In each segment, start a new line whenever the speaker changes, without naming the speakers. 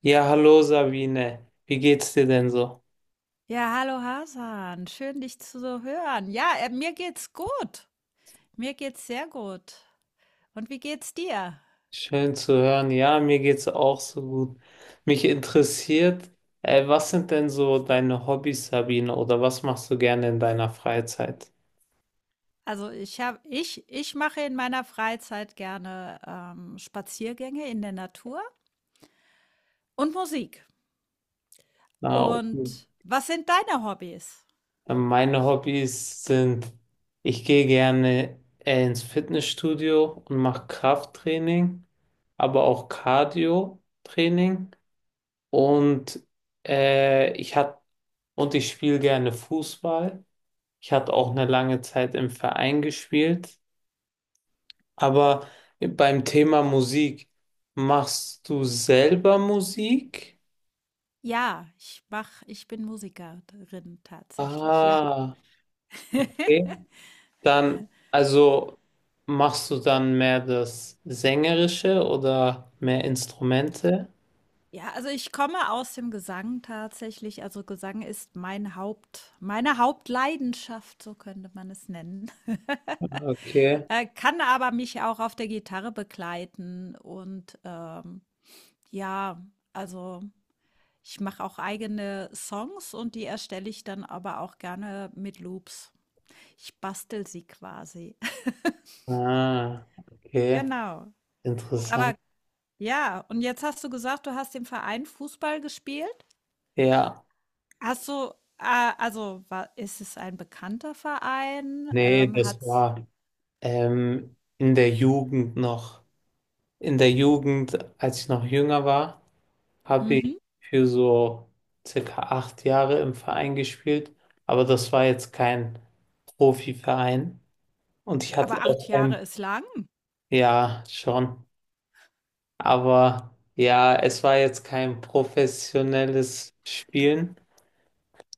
Ja, hallo Sabine. Wie geht's dir denn so?
Ja, hallo Hasan, schön dich zu so hören. Ja, mir geht's gut. Mir geht's sehr gut. Und wie geht's dir?
Schön zu hören. Ja, mir geht's auch so gut. Mich interessiert, was sind denn so deine Hobbys, Sabine, oder was machst du gerne in deiner Freizeit?
Also ich mache in meiner Freizeit gerne Spaziergänge in der Natur und Musik.
Na, und,
Und was sind deine Hobbys?
Meine Hobbys sind, ich gehe gerne ins Fitnessstudio und mache Krafttraining, aber auch Cardio-Training und äh, ich hab, ich spiele gerne Fußball. Ich hatte auch eine lange Zeit im Verein gespielt, aber beim Thema Musik, machst du selber Musik?
Ja, ich bin Musikerin tatsächlich, ja.
Ah, okay. Dann, also machst du dann mehr das Sängerische oder mehr Instrumente?
Ja, also ich komme aus dem Gesang tatsächlich. Also Gesang ist meine Hauptleidenschaft, so könnte man es nennen.
Okay.
Kann aber mich auch auf der Gitarre begleiten und, ja, also, ich mache auch eigene Songs und die erstelle ich dann aber auch gerne mit Loops. Ich bastel sie quasi.
Ah, okay.
Genau.
Interessant.
Aber ja, und jetzt hast du gesagt, du hast im Verein Fußball gespielt.
Ja,
Hast du, also, wa ist es ein bekannter Verein?
nee, das
Hat's
war in der Jugend noch. In der Jugend, als ich noch jünger war, habe
mhm,
ich für so circa 8 Jahre im Verein gespielt, aber das war jetzt kein Profiverein und ich hatte
aber 8
auch
Jahre
kein,
ist lang.
ja, schon, aber ja, es war jetzt kein professionelles Spielen,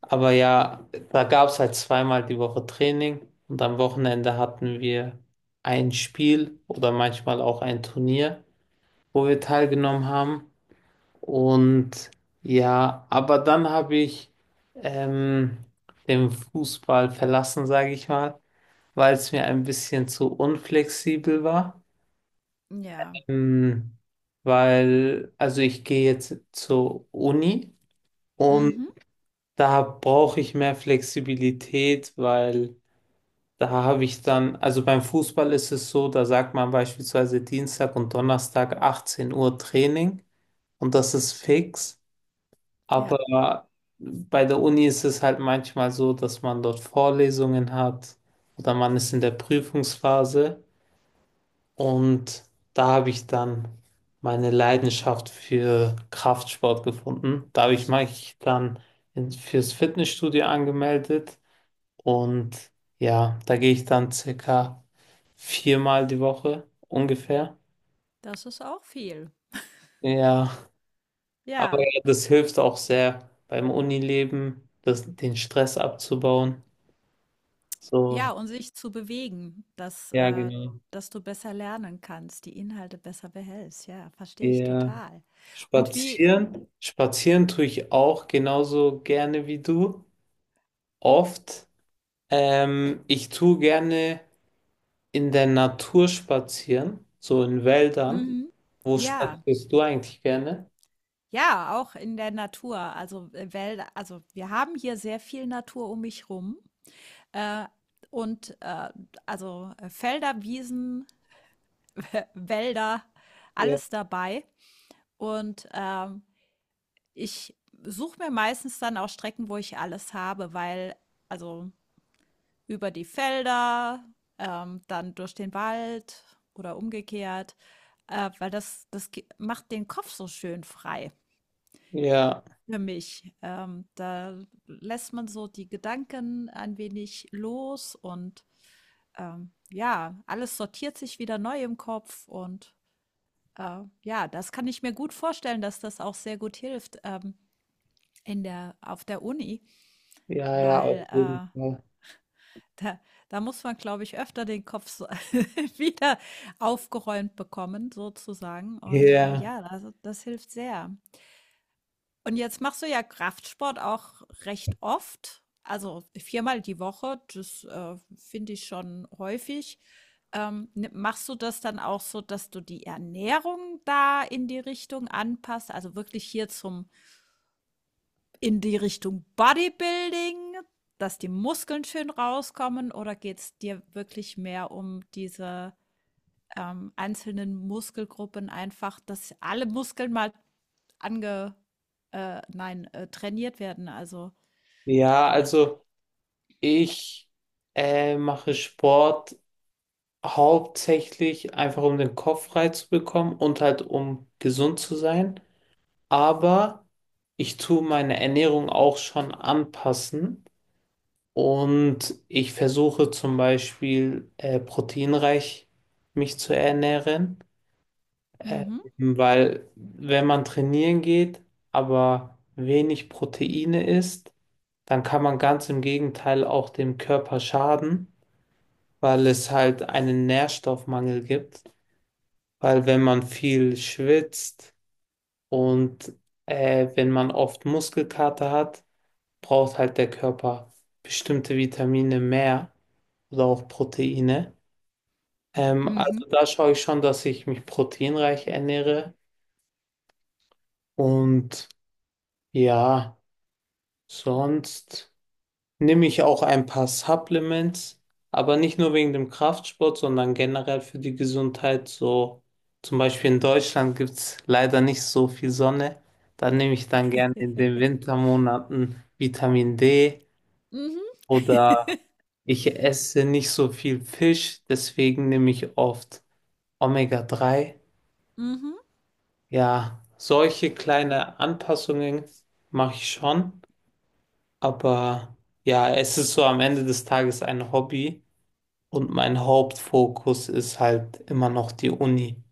aber ja, da gab es halt zweimal die Woche Training und am Wochenende hatten wir ein Spiel oder manchmal auch ein Turnier, wo wir teilgenommen haben. Und ja, aber dann habe ich ähm, den Fußball verlassen, sage ich mal, weil es mir ein bisschen zu unflexibel war.
Ja.
Ähm, also ich gehe jetzt zur Uni und
Mhm.
da brauche ich mehr Flexibilität, weil da habe ich dann, also beim Fußball ist es so, da sagt man beispielsweise Dienstag und Donnerstag 18 Uhr Training und das ist fix.
Ja,
Aber bei der Uni ist es halt manchmal so, dass man dort Vorlesungen hat oder man ist in der Prüfungsphase und da habe ich dann meine Leidenschaft für Kraftsport gefunden. Da habe ich mich dann fürs Fitnessstudio angemeldet und ja, da gehe ich dann circa viermal die Woche ungefähr.
das ist auch viel.
Ja, aber
Ja.
ja, das hilft auch sehr beim Unileben, das, den Stress abzubauen.
Ja,
So,
und sich zu bewegen, dass,
ja, genau.
dass du besser lernen kannst, die Inhalte besser behältst. Ja, verstehe ich
Ja.
total. Und wie
Spazieren. Spazieren tue ich auch genauso gerne wie du. Oft. Ich tue gerne in der Natur spazieren, so in Wäldern.
mhm.
Wo
Ja,
spazierst du eigentlich gerne?
ja, auch in der Natur, also, Wälder also, wir haben hier sehr viel Natur um mich rum, äh, und, äh, also, Felder, Wiesen, Wälder,
Ja,
alles dabei. Und, ich suche mir meistens dann auch Strecken, wo ich alles habe, weil also, über die Felder, dann durch den Wald oder umgekehrt, weil das macht den Kopf so schön frei
ja,
für mich. Da lässt man so die Gedanken ein wenig los und ja, alles sortiert sich wieder neu im Kopf und ja, das kann ich mir gut vorstellen, dass das auch sehr gut hilft in auf der Uni,
ja, ja,
weil
auf jeden Fall.
Da da muss man, glaube ich, öfter den Kopf so wieder aufgeräumt bekommen sozusagen und,
Ja,
ja, also, das hilft sehr. Und jetzt machst du ja Kraftsport auch recht oft, also viermal die Woche, das, finde ich schon häufig. Ni machst du das dann auch so, dass du die Ernährung da in die Richtung anpasst, also wirklich hier zum in die Richtung Bodybuilding, dass die Muskeln schön rauskommen oder geht's dir wirklich mehr um diese, einzelnen Muskelgruppen einfach, dass alle Muskeln mal ange nein, trainiert werden, also
ja, also ich mache Sport hauptsächlich einfach, um den Kopf frei zu bekommen und halt, um gesund zu sein, aber ich tue meine Ernährung auch schon anpassen und ich versuche zum Beispiel proteinreich mich zu ernähren, äh,
mhm,
weil wenn man trainieren geht, aber wenig Proteine isst, dann kann man ganz im Gegenteil auch dem Körper schaden, weil es halt einen Nährstoffmangel gibt, weil wenn man viel schwitzt und wenn man oft Muskelkater hat, braucht halt der Körper bestimmte Vitamine mehr oder auch Proteine. Ähm,
mhm,
also da schaue ich schon, dass ich mich proteinreich ernähre. Und ja, sonst nehme ich auch ein paar Supplements, aber nicht nur wegen dem Kraftsport, sondern generell für die Gesundheit. So zum Beispiel in Deutschland gibt es leider nicht so viel Sonne. Da nehme ich dann gerne in den Wintermonaten Vitamin D
mhm,
oder ich esse nicht so viel Fisch, deswegen nehme ich oft Omega 3.
mhm.
Ja, solche kleine Anpassungen mache ich schon, aber ja, es ist so am Ende des Tages ein Hobby und mein Hauptfokus ist halt immer noch die Uni.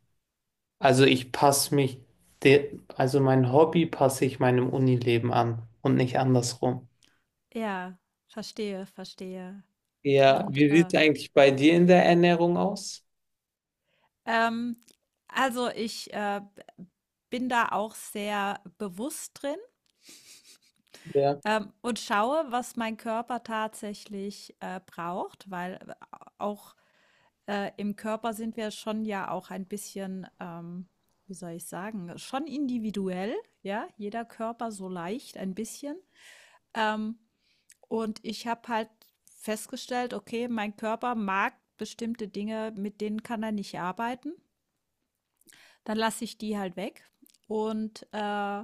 Also ich passe mich, de also mein Hobby passe ich meinem Unileben an und nicht andersrum.
Ja, verstehe, verstehe.
Ja,
Und,
wie sieht es eigentlich bei dir in der Ernährung aus?
ähm, also ich, bin da auch sehr bewusst drin.
Ja,
Und schaue, was mein Körper tatsächlich, braucht, weil auch, im Körper sind wir schon ja auch ein bisschen, wie soll ich sagen, schon individuell, ja, jeder Körper so leicht ein bisschen. Ähm, und ich habe halt festgestellt, okay, mein Körper mag bestimmte Dinge, mit denen kann er nicht arbeiten. Dann lasse ich die halt weg und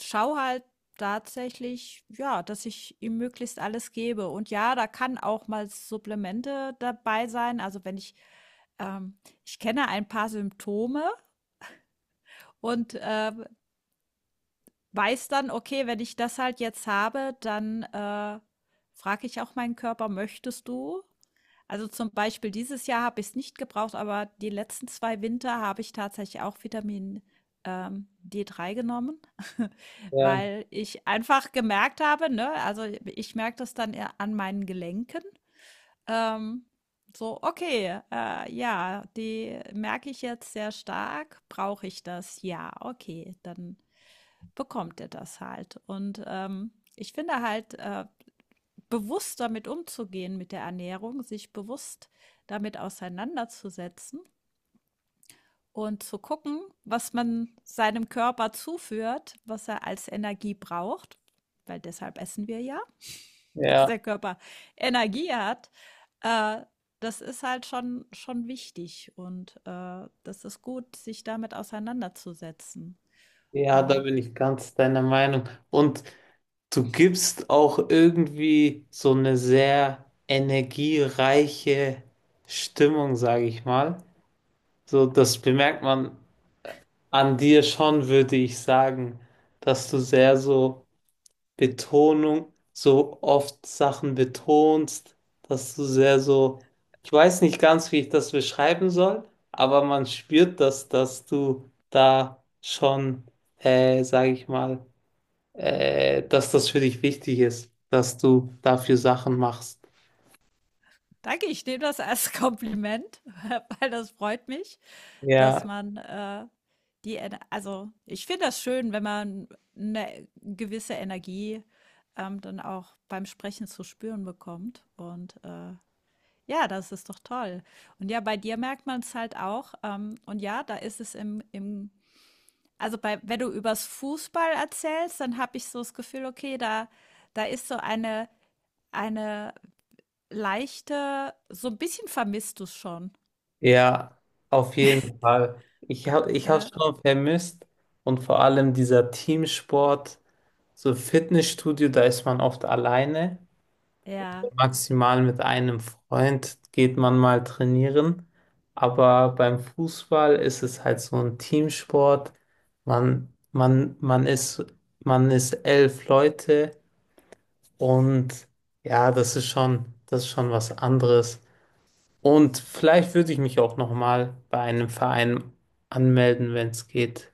schau halt tatsächlich, ja, dass ich ihm möglichst alles gebe. Und ja, da kann auch mal Supplemente dabei sein. Also wenn ich, ähm, ich kenne ein paar Symptome und weiß dann, okay, wenn ich das halt jetzt habe, dann frage ich auch meinen Körper, möchtest du? Also zum Beispiel dieses Jahr habe ich es nicht gebraucht, aber die letzten zwei Winter habe ich tatsächlich auch Vitamin D3 genommen,
ja,
weil ich einfach gemerkt habe, ne, also ich merke das dann eher an meinen Gelenken. Ähm, so, okay, ja, die merke ich jetzt sehr stark, brauche ich das? Ja, okay, dann bekommt er das halt. Und ich finde halt, bewusst damit umzugehen mit der Ernährung, sich bewusst damit auseinanderzusetzen und zu gucken, was man seinem Körper zuführt, was er als Energie braucht, weil deshalb essen wir ja, dass
ja.
der Körper Energie hat. Äh, Das ist halt schon, schon wichtig und das ist gut, sich damit auseinanderzusetzen.
Ja, da
Ähm,
bin ich ganz deiner Meinung. Und du gibst auch irgendwie so eine sehr energiereiche Stimmung, sage ich mal. So, das bemerkt man an dir schon, würde ich sagen, dass du sehr so Betonung, so oft Sachen betonst, dass du sehr so, ich weiß nicht ganz, wie ich das beschreiben soll, aber man spürt das, dass du da schon, sage ich mal, dass das für dich wichtig ist, dass du dafür Sachen machst.
Danke, ich nehme das als Kompliment, weil das freut mich. Dass
Ja,
man die, Ener- Also ich finde das schön, wenn man eine gewisse Energie dann auch beim Sprechen zu spüren bekommt. Und ja, das ist doch toll. Und ja, bei dir merkt man es halt auch. Und ja, da ist es im also wenn du übers Fußball erzählst, dann habe ich so das Gefühl, okay, da ist so eine leichte, so ein bisschen vermisst du es schon.
ja, auf jeden Fall. Ich hab's
Ja,
schon vermisst und vor allem dieser Teamsport, so Fitnessstudio, da ist man oft alleine.
ja.
Maximal mit einem Freund geht man mal trainieren. Aber beim Fußball ist es halt so ein Teamsport. Man, man, man ist, man ist 11 Leute. Und ja, das ist schon was anderes. Und vielleicht würde ich mich auch noch mal bei einem Verein anmelden, wenn es geht.